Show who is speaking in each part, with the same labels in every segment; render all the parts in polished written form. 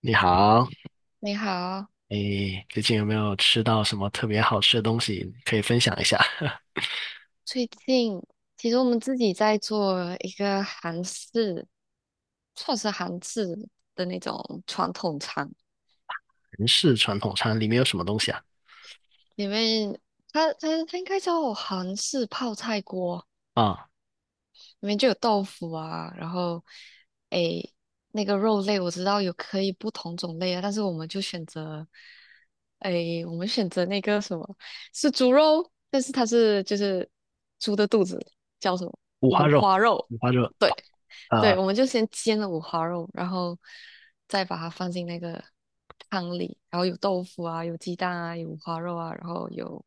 Speaker 1: 你好，
Speaker 2: 你好。
Speaker 1: 诶，最近有没有吃到什么特别好吃的东西？可以分享一下。
Speaker 2: 最近其实我们自己在做一个韩式，算是韩式的那种传统餐，
Speaker 1: 韩式传统餐里面有什么东西啊？
Speaker 2: 里面它应该叫韩式泡菜锅，
Speaker 1: 啊，
Speaker 2: 里面就有豆腐啊，然后诶，那个肉类我知道有可以不同种类啊，但是我们就选择我们选择那个什么是猪肉，但是它是猪的肚子叫什么
Speaker 1: 五花
Speaker 2: 五
Speaker 1: 肉，
Speaker 2: 花肉。
Speaker 1: 五花肉，
Speaker 2: 对
Speaker 1: 呃，
Speaker 2: 对，我们就先煎了五花肉，然后再把它放进那个汤里，然后有豆腐啊，有鸡蛋啊，有五花肉啊，然后有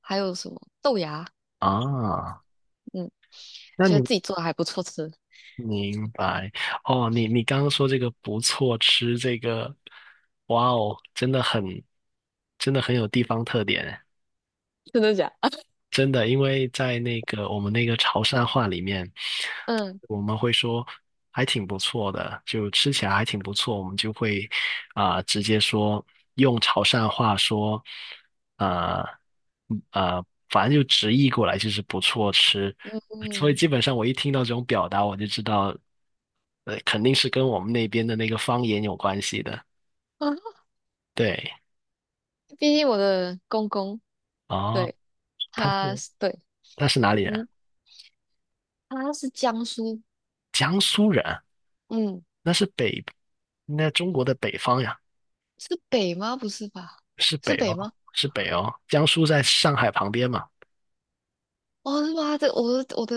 Speaker 2: 还有什么豆芽。
Speaker 1: 啊，
Speaker 2: 嗯，
Speaker 1: 那
Speaker 2: 觉得
Speaker 1: 你
Speaker 2: 自己做的还不错吃。
Speaker 1: 明白哦？你刚刚说这个不错吃，这个，哇哦，真的很，真的很有地方特点。
Speaker 2: 真的假？
Speaker 1: 真的，因为在那个我们那个潮汕话里面，
Speaker 2: 嗯
Speaker 1: 我们会说还挺不错的，就吃起来还挺不错，我们就会啊、直接说用潮汕话说，呃反正就直译过来就是不错吃。所以
Speaker 2: 嗯
Speaker 1: 基本上我一听到这种表达，我就知道，肯定是跟我们那边的那个方言有关系的。
Speaker 2: 啊
Speaker 1: 对，
Speaker 2: 毕竟我的公公
Speaker 1: 哦，
Speaker 2: 对
Speaker 1: 他
Speaker 2: 他
Speaker 1: 是
Speaker 2: 是对。
Speaker 1: 他是哪里人？
Speaker 2: 嗯，他是江苏。
Speaker 1: 江苏人。
Speaker 2: 嗯，
Speaker 1: 那是北，那中国的北方呀，
Speaker 2: 是北吗？不是吧？
Speaker 1: 是北
Speaker 2: 是北
Speaker 1: 哦，
Speaker 2: 吗？
Speaker 1: 是北哦。江苏在上海旁边嘛，
Speaker 2: 哦是吧？这我的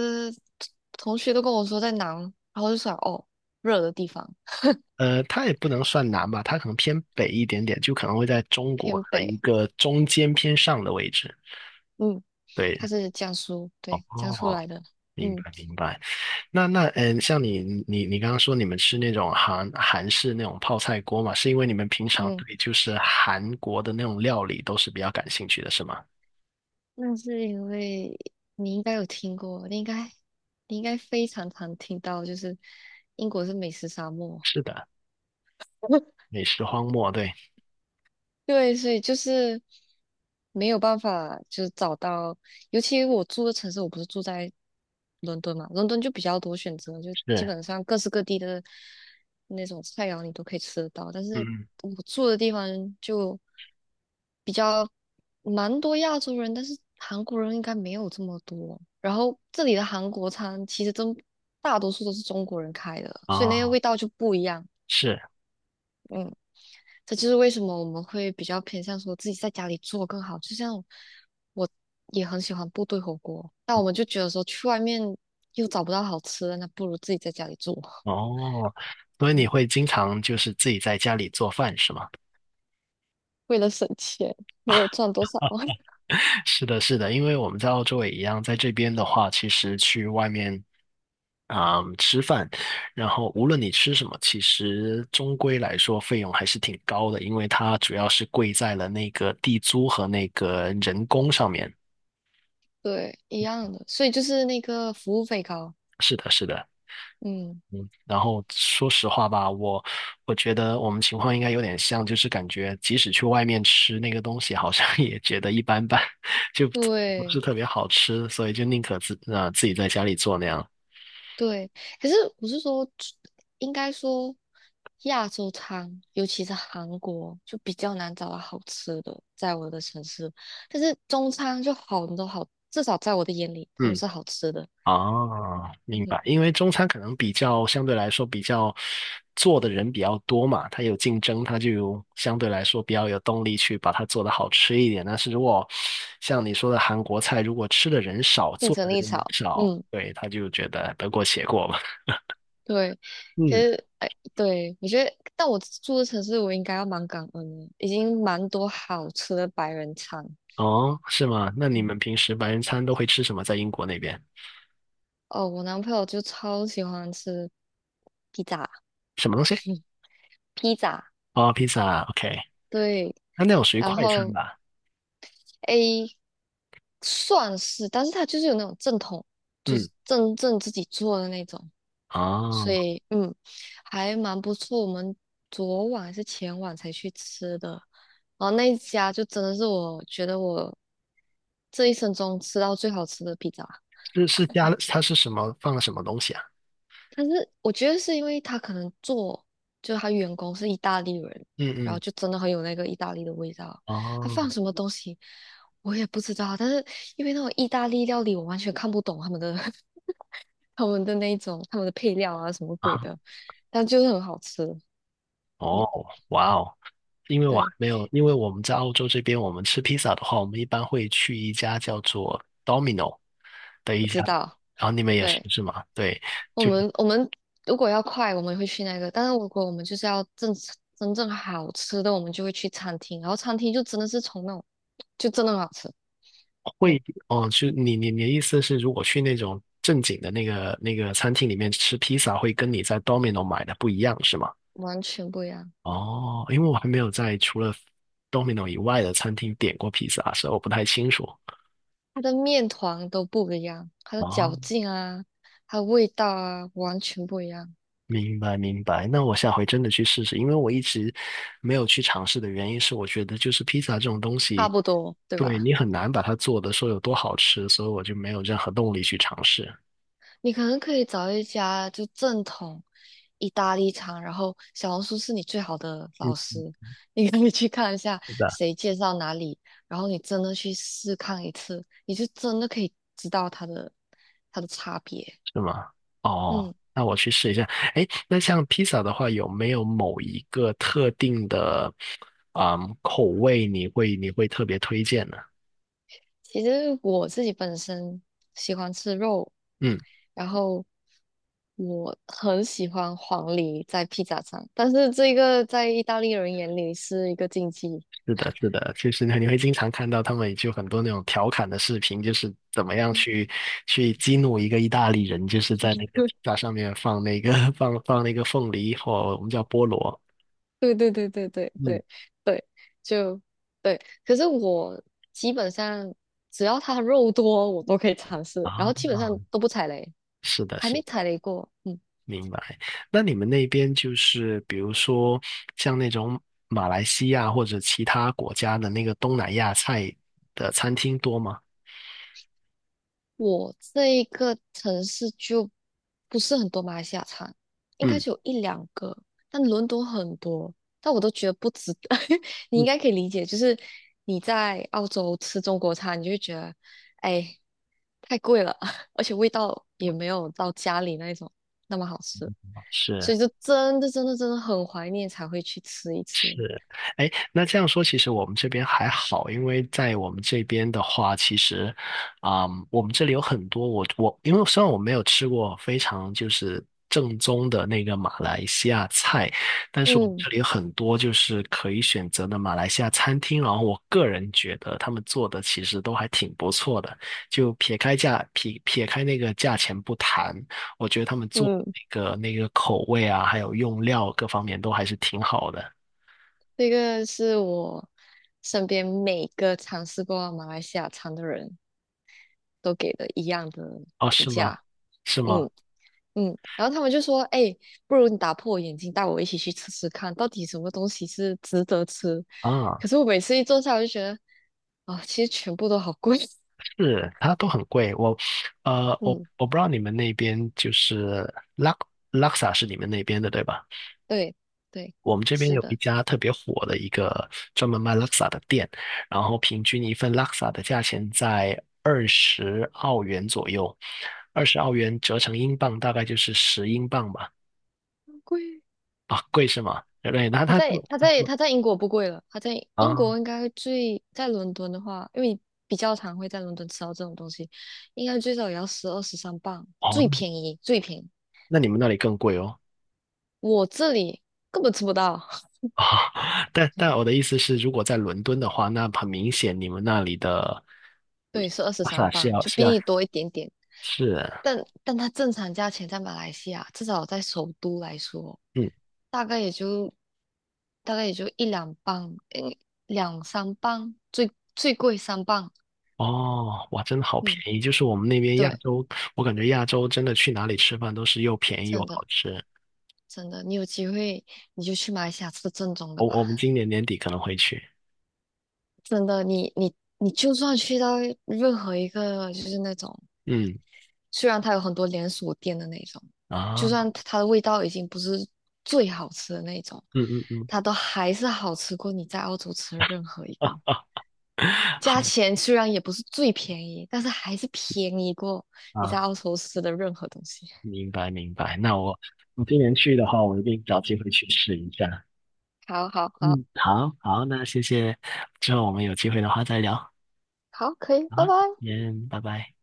Speaker 2: 同学都跟我说在南，然后我就想哦热的地方
Speaker 1: 它也不能算南吧，它可能偏北一点点，就可能会在中国
Speaker 2: 偏
Speaker 1: 的一
Speaker 2: 北。
Speaker 1: 个中间偏上的位置。
Speaker 2: 嗯，他
Speaker 1: 对，
Speaker 2: 是江苏，对，江苏
Speaker 1: 哦，
Speaker 2: 来的。
Speaker 1: 明
Speaker 2: 嗯
Speaker 1: 白明白。那像你刚刚说你们吃那种韩式那种泡菜锅嘛，是因为你们平常
Speaker 2: 嗯，
Speaker 1: 对就是韩国的那种料理都是比较感兴趣的，是吗？
Speaker 2: 那是因为你应该有听过，你应该非常常听到就是英国是美食沙漠。
Speaker 1: 是的，美食荒漠，对，
Speaker 2: 对，所以就是没有办法，就是找到，尤其我住的城市，我不是住在伦敦嘛，伦敦就比较多选择，就基
Speaker 1: 是，
Speaker 2: 本上各式各地的那种菜肴你都可以吃得到。但
Speaker 1: 嗯，
Speaker 2: 是
Speaker 1: 嗯
Speaker 2: 我住的地方就比较蛮多亚洲人，但是韩国人应该没有这么多。然后这里的韩国餐其实真大多数都是中国人开的，所以那个
Speaker 1: 哦，
Speaker 2: 味道就不一样。
Speaker 1: 是。
Speaker 2: 嗯。这就是为什么我们会比较偏向说自己在家里做更好。就像我也很喜欢部队火锅，但我们就觉得说去外面又找不到好吃的，那不如自己在家里做。
Speaker 1: 哦，所以你
Speaker 2: 嗯，
Speaker 1: 会经常就是自己在家里做饭是吗？
Speaker 2: 为了省钱，没有赚多少。
Speaker 1: 是的，是的，因为我们在澳洲也一样，在这边的话，其实去外面啊、吃饭，然后无论你吃什么，其实终归来说费用还是挺高的，因为它主要是贵在了那个地租和那个人工上面。
Speaker 2: 对，一样的，所以就是那个服务费高。
Speaker 1: 是的，是的。
Speaker 2: 嗯，
Speaker 1: 嗯，然后说实话吧，我觉得我们情况应该有点像，就是感觉即使去外面吃那个东西，好像 也觉得一般般，就不是
Speaker 2: 对。
Speaker 1: 特别好吃，所以就宁可自己在家里做那样。
Speaker 2: 对，可是我是说，应该说亚洲餐，尤其是韩国，就比较难找到好吃的，在我的城市。但是中餐就好多好，至少在我的眼里，他们
Speaker 1: 嗯。
Speaker 2: 是好吃的。
Speaker 1: 哦，明
Speaker 2: 嗯，
Speaker 1: 白。因为中餐可能比较相对来说比较做的人比较多嘛，它有竞争，它就相对来说比较有动力去把它做得好吃一点。但是如果像你说的韩国菜，如果吃的人少，
Speaker 2: 竞
Speaker 1: 做
Speaker 2: 争
Speaker 1: 的
Speaker 2: 力
Speaker 1: 人也
Speaker 2: 少。
Speaker 1: 少，
Speaker 2: 嗯，
Speaker 1: 对，他就觉得得过且过嘛。
Speaker 2: 对。可
Speaker 1: 嗯，
Speaker 2: 是，哎，对，我觉得，但我住的城市，我应该要蛮感恩的，已经蛮多好吃的白人餐。
Speaker 1: 哦，是吗？那你
Speaker 2: 嗯，
Speaker 1: 们平时白人餐都会吃什么？在英国那边
Speaker 2: 哦，我男朋友就超喜欢吃披萨。
Speaker 1: 什么东西？
Speaker 2: 披萨。
Speaker 1: 哦，披萨，OK，
Speaker 2: 对，
Speaker 1: 那那种属于
Speaker 2: 然
Speaker 1: 快餐
Speaker 2: 后
Speaker 1: 吧？
Speaker 2: A 算是，但是它就是有那种正统，就是
Speaker 1: 嗯，
Speaker 2: 真正自己做的那种，所
Speaker 1: 哦，
Speaker 2: 以还蛮不错。我们昨晚还是前晚才去吃的，然后那一家就真的是我觉得我这一生中吃到最好吃的披萨。
Speaker 1: 是加了，它是什么放了什么东西啊？
Speaker 2: 但是我觉得是因为他可能做，就是他员工是意大利人，
Speaker 1: 嗯
Speaker 2: 然后
Speaker 1: 嗯
Speaker 2: 就真的很有那个意大利的味道。他放什
Speaker 1: 哦
Speaker 2: 么东西我也不知道，但是因为那种意大利料理，我完全看不懂他们的 他们的配料啊什么鬼
Speaker 1: 啊
Speaker 2: 的，但就是很好吃。嗯，
Speaker 1: 哦，哇哦！因为我还
Speaker 2: 对，
Speaker 1: 没有，因为我们在澳洲这边，我们吃披萨的话，我们一般会去一家叫做 Domino 的一
Speaker 2: 我
Speaker 1: 家，
Speaker 2: 知道。
Speaker 1: 然后你们也是
Speaker 2: 对，
Speaker 1: 是吗？对，
Speaker 2: 我
Speaker 1: 就是
Speaker 2: 们我们如果要快，我们会去那个；但是如果我们就是要正真正好吃的，我们就会去餐厅。然后餐厅就真的是从那种就真的很好吃。嗯。
Speaker 1: 会哦，就你的意思是，如果去那种正经的那个那个餐厅里面吃披萨，会跟你在 Domino 买的不一样是吗？
Speaker 2: 完全不一样，
Speaker 1: 哦，因为我还没有在除了 Domino 以外的餐厅点过披萨，所以我不太清楚。
Speaker 2: 它的面团都不一样，它的
Speaker 1: 哦，
Speaker 2: 嚼劲啊，它的味道啊，完全不一样，
Speaker 1: 明白明白，那我下回真的去试试，因为我一直没有去尝试的原因是，我觉得就是披萨这种东
Speaker 2: 差
Speaker 1: 西，
Speaker 2: 不多，对
Speaker 1: 对
Speaker 2: 吧？
Speaker 1: 你很难把它做的说有多好吃，所以我就没有任何动力去尝试。
Speaker 2: 你可能可以找一家就正统意大利餐，然后小红书是你最好的老
Speaker 1: 嗯，
Speaker 2: 师，你可以去看一下
Speaker 1: 是的，
Speaker 2: 谁介绍哪里，然后你真的去试看一次，你就真的可以知道它的差别。
Speaker 1: 是吗？哦，
Speaker 2: 嗯，
Speaker 1: 那我去试一下。哎，那像披萨的话，有没有某一个特定的，嗯，口味你会特别推荐呢？
Speaker 2: 其实我自己本身喜欢吃肉，
Speaker 1: 嗯。
Speaker 2: 然后。我很喜欢黄梨在披萨上，但是这个在意大利人眼里是一个禁忌。
Speaker 1: 是的，是的，就是你会经常看到他们就很多那种调侃的视频，就是怎么样去去激怒一个意大利人，就是在那个披 萨上面放那个 放那个凤梨或我们叫菠萝。
Speaker 2: 对对对对对
Speaker 1: 嗯
Speaker 2: 对对，就对。可是我基本上只要它肉多，我都可以尝试，然
Speaker 1: 啊，
Speaker 2: 后基本上都不踩雷，
Speaker 1: 是的，
Speaker 2: 还
Speaker 1: 是
Speaker 2: 没
Speaker 1: 的
Speaker 2: 踩雷过。嗯。
Speaker 1: 明白。那你们那边就是比如说像那种马来西亚或者其他国家的那个东南亚菜的餐厅多吗？
Speaker 2: 我这一个城市就不是很多马来西亚餐，应该
Speaker 1: 嗯
Speaker 2: 是有一两个，但伦敦很多，但我都觉得不值得。你应
Speaker 1: 嗯，
Speaker 2: 该可以理解，就是你在澳洲吃中国餐，你就会觉得，哎，太贵了，而且味道也没有到家里那一种那么好吃，所
Speaker 1: 是。
Speaker 2: 以就真的真的真的很怀念才会去吃一次。
Speaker 1: 是，哎，那这样说，其实我们这边还好，因为在我们这边的话，其实，嗯，我们这里有很多我，因为虽然我没有吃过非常就是正宗的那个马来西亚菜，但是我们
Speaker 2: 嗯
Speaker 1: 这里有很多就是可以选择的马来西亚餐厅，然后我个人觉得他们做的其实都还挺不错的，就撇开那个价钱不谈，我觉得他们做。
Speaker 2: 嗯，
Speaker 1: 那个那个口味啊，还有用料各方面都还是挺好的。
Speaker 2: 这个是我身边每个尝试过马来西亚餐的人。都给了一样的
Speaker 1: 哦，
Speaker 2: 评
Speaker 1: 是吗？
Speaker 2: 价。
Speaker 1: 是吗？
Speaker 2: 嗯嗯，然后他们就说，哎，不如你打破我眼睛，带我一起去吃吃看，到底什么东西是值得吃。可
Speaker 1: 啊，
Speaker 2: 是我每次一坐下，我就觉得，啊、其实全部都好贵。
Speaker 1: 是，它都很贵。我，我
Speaker 2: 嗯，
Speaker 1: 我不知道你们那边就是拉萨是你们那边的对吧？
Speaker 2: 对对，
Speaker 1: 我们这边
Speaker 2: 是
Speaker 1: 有一
Speaker 2: 的。
Speaker 1: 家特别火的一个专门卖拉萨的店，然后平均一份拉萨的价钱在二十澳元左右，二十澳元折成英镑大概就是10英镑吧。
Speaker 2: 很贵。
Speaker 1: 啊，贵是吗？对，那
Speaker 2: 他
Speaker 1: 它它
Speaker 2: 在
Speaker 1: 做
Speaker 2: 他
Speaker 1: 它
Speaker 2: 在
Speaker 1: 做
Speaker 2: 他在英国不贵了，他在英
Speaker 1: 啊，
Speaker 2: 国应该最在伦敦的话，因为你比较常会在伦敦吃到这种东西，应该最少也要12、13磅，
Speaker 1: 哦，
Speaker 2: 最
Speaker 1: 那
Speaker 2: 便宜最便宜。
Speaker 1: 那你们那里更贵哦。
Speaker 2: 我这里根本吃不到，
Speaker 1: 啊，但我的意思是，如果在伦敦的话，那很明显你们那里的
Speaker 2: 对，是二十
Speaker 1: 巴
Speaker 2: 三
Speaker 1: 萨是
Speaker 2: 磅，
Speaker 1: 要
Speaker 2: 就
Speaker 1: 是
Speaker 2: 比
Speaker 1: 要
Speaker 2: 你多一点点。
Speaker 1: 是
Speaker 2: 但但它正常价钱在马来西亚，至少在首都来说，
Speaker 1: 嗯，
Speaker 2: 大概也就大概也就1、2磅，嗯，2、3磅，最最贵三磅。
Speaker 1: 哦，哇，真的好
Speaker 2: 嗯，
Speaker 1: 便宜！就是我们那边亚
Speaker 2: 对，
Speaker 1: 洲，我感觉亚洲真的去哪里吃饭都是又便宜又
Speaker 2: 真的
Speaker 1: 好吃。
Speaker 2: 真的，你有机会你就去马来西亚吃正宗的
Speaker 1: 我
Speaker 2: 吧。
Speaker 1: 我们今年年底可能会去，
Speaker 2: 真的，你就算去到任何一个就是那种
Speaker 1: 嗯
Speaker 2: 虽然它有很多连锁店的那种，就
Speaker 1: 啊，
Speaker 2: 算它的味道已经不是最好吃的那种，
Speaker 1: 嗯嗯嗯
Speaker 2: 它都还是好吃过你在澳洲吃的任何一
Speaker 1: 啊
Speaker 2: 个。
Speaker 1: 啊，好
Speaker 2: 价钱虽然也不是最便宜，但是还是便宜过你在
Speaker 1: 啊，
Speaker 2: 澳洲吃的任何东西。
Speaker 1: 明白明白。那我今年去的话，我一定找机会去试一下。
Speaker 2: 好好好
Speaker 1: 嗯，好好，那谢谢，之后我们有机会的话再聊。
Speaker 2: 好，可以，
Speaker 1: 好，
Speaker 2: 拜拜。
Speaker 1: 先拜拜。